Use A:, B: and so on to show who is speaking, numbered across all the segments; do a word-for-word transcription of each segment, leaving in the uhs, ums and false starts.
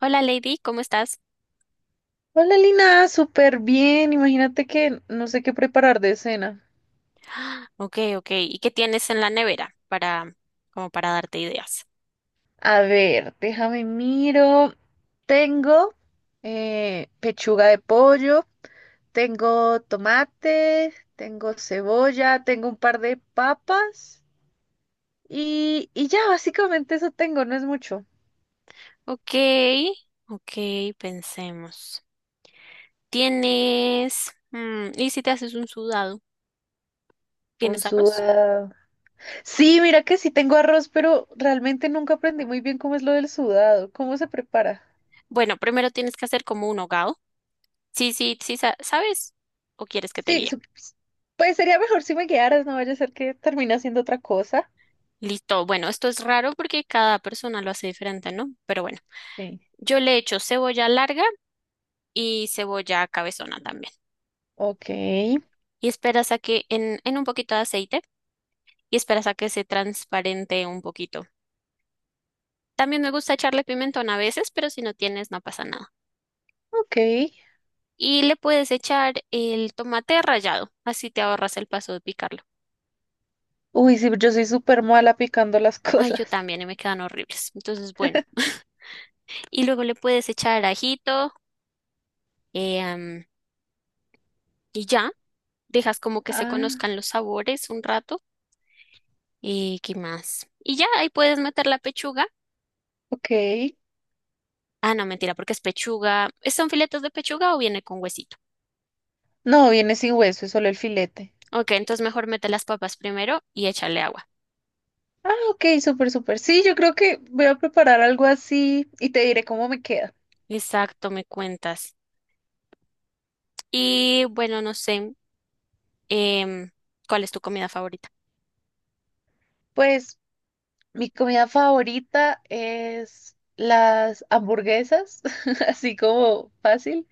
A: Hola Lady, ¿cómo estás?
B: Hola Lina, súper bien. Imagínate que no sé qué preparar de cena.
A: Ok, ok. ¿Y qué tienes en la nevera para, como para darte ideas?
B: A ver, déjame miro. Tengo eh, pechuga de pollo, tengo tomate, tengo cebolla, tengo un par de papas y, y ya, básicamente eso tengo, no es mucho.
A: Ok, ok, pensemos. ¿Tienes, mm, y si te haces un sudado?
B: Un
A: ¿Tienes arroz?
B: sudado. Sí, mira que sí tengo arroz, pero realmente nunca aprendí muy bien cómo es lo del sudado, cómo se prepara.
A: Bueno, primero tienes que hacer como un hogao. Sí, sí, sí, sa- ¿sabes? ¿O quieres que te
B: Sí,
A: guíe?
B: sup- pues sería mejor si me guiaras, no vaya a ser que termine haciendo otra cosa.
A: Listo. Bueno, esto es raro porque cada persona lo hace diferente, ¿no? Pero bueno,
B: Sí.
A: yo le echo cebolla larga y cebolla cabezona también.
B: Ok,
A: Y esperas a que en, en un poquito de aceite. Y esperas a que se transparente un poquito. También me gusta echarle pimentón a veces, pero si no tienes, no pasa nada.
B: ok.
A: Y le puedes echar el tomate rallado, así te ahorras el paso de picarlo.
B: Uy, sí, yo soy súper mala picando las
A: Ay, yo
B: cosas.
A: también, y me quedan horribles. Entonces, bueno. Y luego le puedes echar ajito, eh, am, y ya, dejas como que se
B: Ah,
A: conozcan los sabores un rato. ¿Y qué más? Y ya, ahí puedes meter la pechuga.
B: ok.
A: Ah, no, mentira, porque es pechuga. ¿Son filetes de pechuga o viene con huesito?
B: No, viene sin hueso, es solo el filete.
A: Ok, entonces mejor mete las papas primero y échale agua.
B: Ah, ok, súper, súper. Sí, yo creo que voy a preparar algo así y te diré cómo me queda.
A: Exacto, me cuentas. Y bueno, no sé, em, ¿cuál es tu comida favorita,
B: Pues mi comida favorita es las hamburguesas, así como fácil.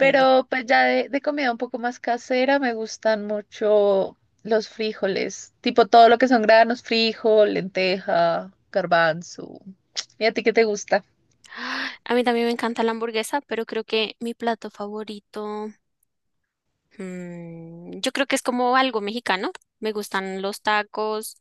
A: Deli?
B: pues ya de, de comida un poco más casera me gustan mucho los frijoles, tipo todo lo que son granos, frijol, lenteja, garbanzo. ¿Y a ti qué te gusta?
A: A mí también me encanta la hamburguesa, pero creo que mi plato favorito, mm, yo creo que es como algo mexicano. Me gustan los tacos,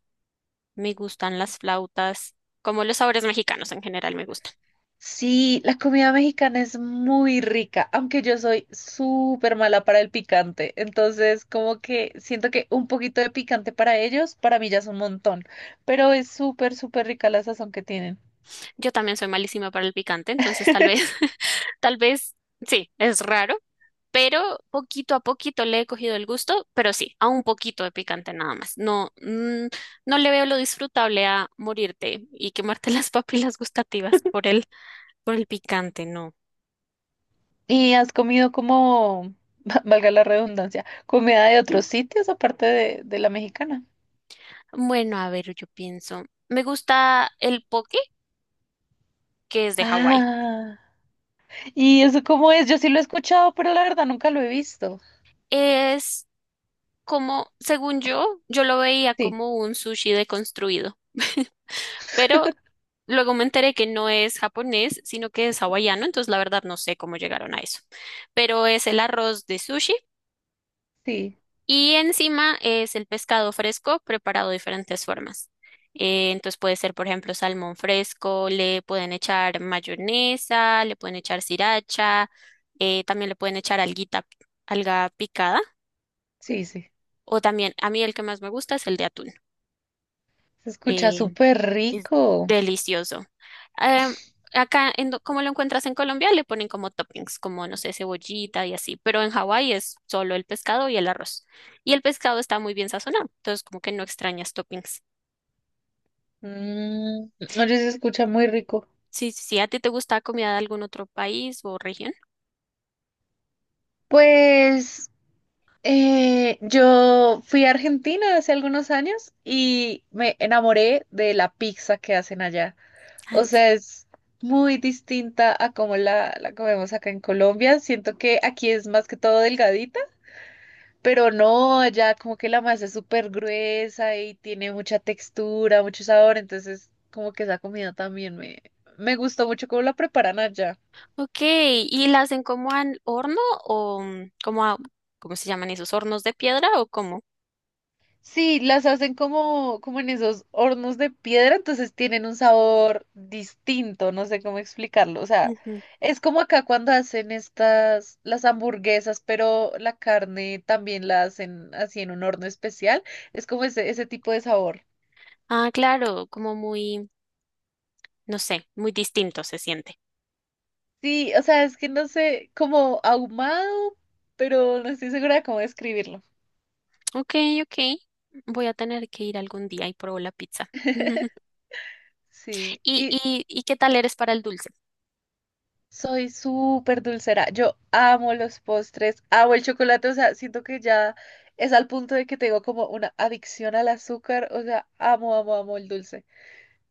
A: me gustan las flautas, como los sabores mexicanos en general me gustan.
B: Sí, la comida mexicana es muy rica, aunque yo soy súper mala para el picante. Entonces, como que siento que un poquito de picante para ellos, para mí ya es un montón. Pero es súper, súper rica la sazón que tienen.
A: Yo también soy malísima para el picante, entonces tal vez, tal vez, sí, es raro, pero poquito a poquito le he cogido el gusto, pero sí, a un poquito de picante nada más. No, mm, no le veo lo disfrutable a morirte y quemarte las papilas gustativas por el, por el picante, no.
B: ¿Y has comido como, valga la redundancia, comida de otros sitios aparte de, de la mexicana?
A: Bueno, a ver, yo pienso. Me gusta el poke, que es de Hawái.
B: Ah, ¿y eso cómo es? Yo sí lo he escuchado, pero la verdad nunca lo he visto.
A: Es como, según yo, yo lo veía
B: Sí,
A: como un sushi deconstruido. Pero luego me enteré que no es japonés, sino que es hawaiano, entonces la verdad no sé cómo llegaron a eso. Pero es el arroz de sushi
B: sí,
A: y encima es el pescado fresco preparado de diferentes formas. Eh, entonces puede ser, por ejemplo, salmón fresco, le pueden echar mayonesa, le pueden echar sriracha, eh, también le pueden echar alguita, alga picada,
B: sí, sí.
A: o también, a mí el que más me gusta es el de atún.
B: Se escucha
A: eh,
B: súper
A: Es
B: rico.
A: delicioso. Em, Acá, en, do- como lo encuentras en Colombia, le ponen como toppings, como, no sé, cebollita y así, pero en Hawái es solo el pescado y el arroz. Y el pescado está muy bien sazonado, entonces como que no extrañas toppings.
B: Mm, oye, se escucha muy rico.
A: Sí, sí, sí, ¿a ti te gusta comida de algún otro país o región?
B: Pues eh, yo fui a Argentina hace algunos años y me enamoré de la pizza que hacen allá.
A: Ah,
B: O
A: sí.
B: sea, es muy distinta a como la, la comemos acá en Colombia. Siento que aquí es más que todo delgadita, pero no, allá como que la masa es súper gruesa y tiene mucha textura, mucho sabor. Entonces, como que esa comida también me, me gustó mucho cómo la preparan allá.
A: Ok, ¿y la hacen como al horno o mm, como a, ¿cómo se llaman esos hornos de piedra o cómo?
B: Sí, las hacen como, como en esos hornos de piedra, entonces tienen un sabor distinto, no sé cómo explicarlo. O sea,
A: Ujú.
B: es como acá cuando hacen estas, las hamburguesas, pero la carne también la hacen así en un horno especial. Es como ese, ese tipo de sabor.
A: Ah, claro, como muy, no sé, muy distinto se siente.
B: Sí, o sea, es que no sé, como ahumado, pero no estoy segura de cómo describirlo.
A: Ok, ok. Voy a tener que ir algún día y probar la pizza.
B: Sí,
A: ¿Y,
B: y
A: y, y qué tal eres para el dulce?
B: soy súper dulcera. Yo amo los postres, amo el chocolate. O sea, siento que ya es al punto de que tengo como una adicción al azúcar. O sea, amo, amo, amo el dulce.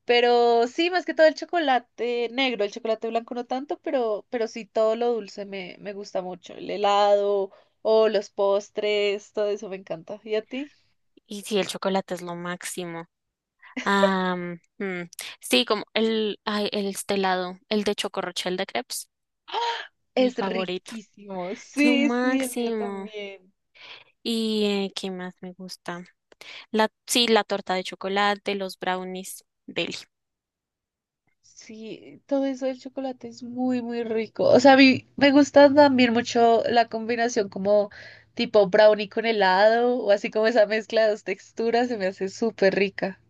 B: Pero sí, más que todo el chocolate negro, el chocolate blanco no tanto, pero, pero sí todo lo dulce me, me gusta mucho. El helado o los postres, todo eso me encanta. ¿Y a ti?
A: Y sí, el chocolate es lo máximo. Ah, mm, sí, como el, ay, el este helado, el de chocorrochel de crepes, mi
B: Es
A: favorito.
B: riquísimo.
A: Es lo
B: Sí, sí, el mío
A: máximo.
B: también.
A: ¿Y eh, qué más me gusta? La, sí, la torta de chocolate, los brownies. Deli.
B: Sí, todo eso del chocolate es muy, muy rico. O sea, a mí me gusta también mucho la combinación como tipo brownie con helado o así como esa mezcla de dos texturas se me hace súper rica.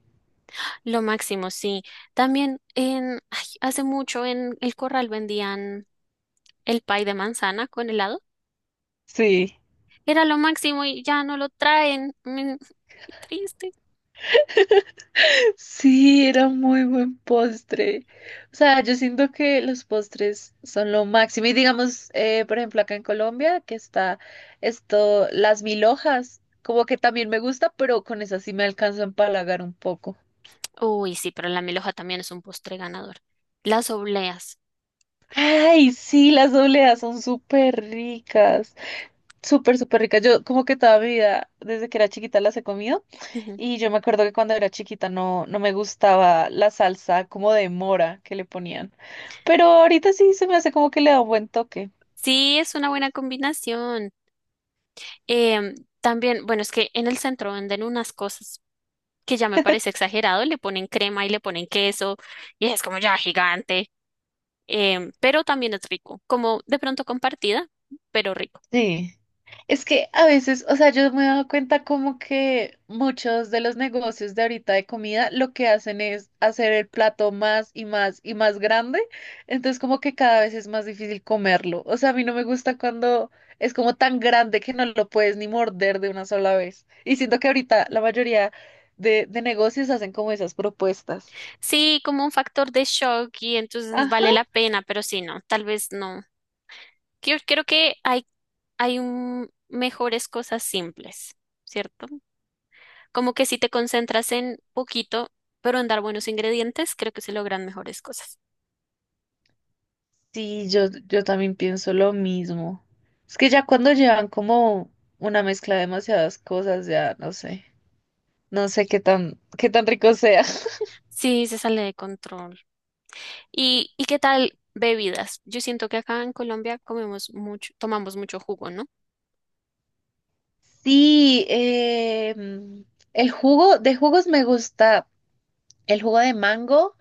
A: Lo máximo, sí. También en, ay, hace mucho en el Corral vendían el pie de manzana con helado.
B: Sí,
A: Era lo máximo y ya no lo traen. Mm, qué triste.
B: sí, era muy buen postre. O sea, yo siento que los postres son lo máximo. Y digamos, eh, por ejemplo, acá en Colombia, que está esto, las mil hojas, como que también me gusta, pero con esas sí me alcanzo a empalagar un poco.
A: Uy, sí, pero la milhoja también es un postre ganador. Las obleas.
B: Ay, sí, las dobleas son súper ricas, súper, súper ricas. Yo como que toda mi vida, desde que era chiquita, las he comido
A: Ujú.
B: y yo me acuerdo que cuando era chiquita no, no me gustaba la salsa como de mora que le ponían, pero ahorita sí se me hace como que le da un buen toque.
A: Sí, es una buena combinación. Em, También, bueno, es que en el centro venden unas cosas que ya me parece exagerado. Le ponen crema y le ponen queso y es como ya gigante. Em, pero también es rico, como de pronto compartida, pero rico.
B: Sí. Es que a veces, o sea, yo me he dado cuenta como que muchos de los negocios de ahorita de comida lo que hacen es hacer el plato más y más y más grande, entonces como que cada vez es más difícil comerlo. O sea, a mí no me gusta cuando es como tan grande que no lo puedes ni morder de una sola vez. Y siento que ahorita la mayoría de, de negocios hacen como esas propuestas.
A: Sí, como un factor de shock y entonces vale la pena, pero sí, no, tal vez no. Yo creo que hay hay un- mejores cosas simples, ¿cierto? Como que si te concentras en poquito, pero en dar buenos ingredientes, creo que se logran mejores cosas.
B: Sí, yo, yo también pienso lo mismo. Es que ya cuando llevan como una mezcla de demasiadas cosas, ya no sé, no sé qué tan, qué tan rico sea.
A: Sí, se sale de control. ¿Y, y, qué tal bebidas? Yo siento que acá en Colombia comemos mucho, tomamos mucho jugo, ¿no?
B: Sí, eh, el jugo de jugos me gusta el jugo de mango.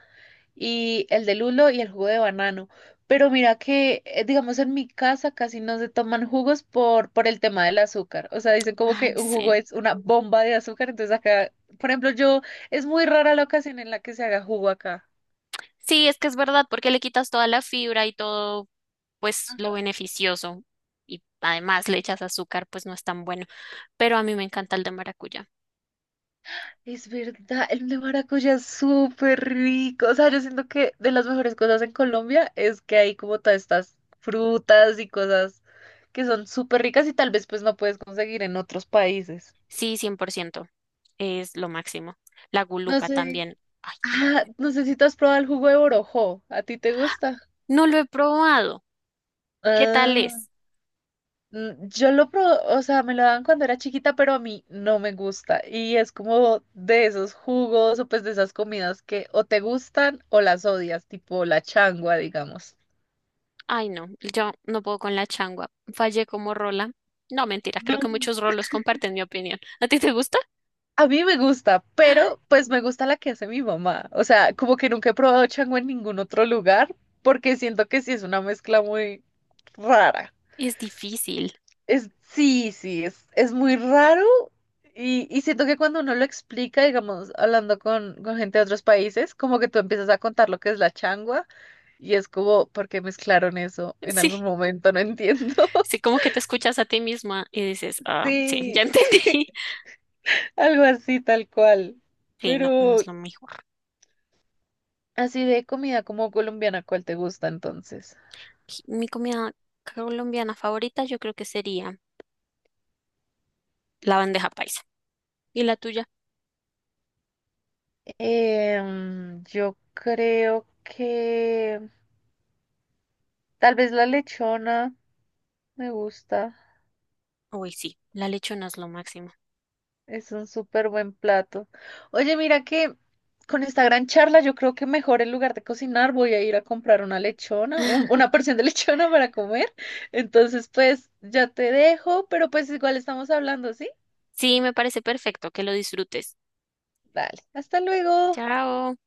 B: Y el de lulo y el jugo de banano. Pero mira que, eh, digamos, en mi casa casi no se toman jugos por, por el tema del azúcar. O sea, dicen como
A: Ay,
B: que un jugo
A: sí.
B: es una bomba de azúcar. Entonces acá, por ejemplo, yo, es muy rara la ocasión en la que se haga jugo acá.
A: Sí, es que es verdad, porque le quitas toda la fibra y todo, pues lo beneficioso. Y además le echas azúcar, pues no es tan bueno. Pero a mí me encanta el de maracuyá.
B: Es verdad, el de maracuyá es súper rico. O sea, yo siento que de las mejores cosas en Colombia es que hay como todas estas frutas y cosas que son súper ricas y tal vez pues no puedes conseguir en otros países.
A: Sí, cien por ciento. Es lo máximo. La
B: No
A: gulupa
B: sé.
A: también. Ay, no, me-
B: Ah, no sé si tú has probado el jugo de borojó. ¿A ti te gusta?
A: no lo he probado. ¿Qué tal
B: Ah,
A: es?
B: mm, yo lo probé, o sea, me lo daban cuando era chiquita, pero a mí no me gusta. Y es como de esos jugos o pues de esas comidas que o te gustan o las odias, tipo la changua, digamos.
A: Ay, no, yo no puedo con la changua. Fallé como rola. No, mentira, creo que
B: No,
A: muchos rolos comparten mi opinión. ¿A ti te gusta?
B: a mí me gusta, pero pues me gusta la que hace mi mamá. O sea, como que nunca he probado changua en ningún otro lugar, porque siento que sí es una mezcla muy rara.
A: Es difícil.
B: Es, sí, sí, es, es muy raro y, y siento que cuando uno lo explica, digamos, hablando con, con gente de otros países, como que tú empiezas a contar lo que es la changua y es como, ¿por qué mezclaron eso en algún
A: Sí,
B: momento? No entiendo.
A: sí, como que te escuchas a ti misma y dices, ah, sí, ya
B: Sí,
A: entendí.
B: algo así tal cual.
A: Sí, no, no
B: Pero
A: es lo mejor.
B: así de comida como colombiana, ¿cuál te gusta entonces?
A: Sí, mi comida colombiana favorita yo creo que sería la bandeja paisa. ¿Y la tuya?
B: Em, yo creo que tal vez la lechona me gusta.
A: Uy, sí, la lechona es lo máximo.
B: Es un súper buen plato. Oye, mira que con esta gran charla yo creo que mejor en lugar de cocinar voy a ir a comprar una lechona, un- una porción de lechona para comer. Entonces, pues ya te dejo, pero pues igual estamos hablando, ¿sí?
A: Sí, me parece perfecto que lo disfrutes.
B: Dale, hasta luego.
A: Chao.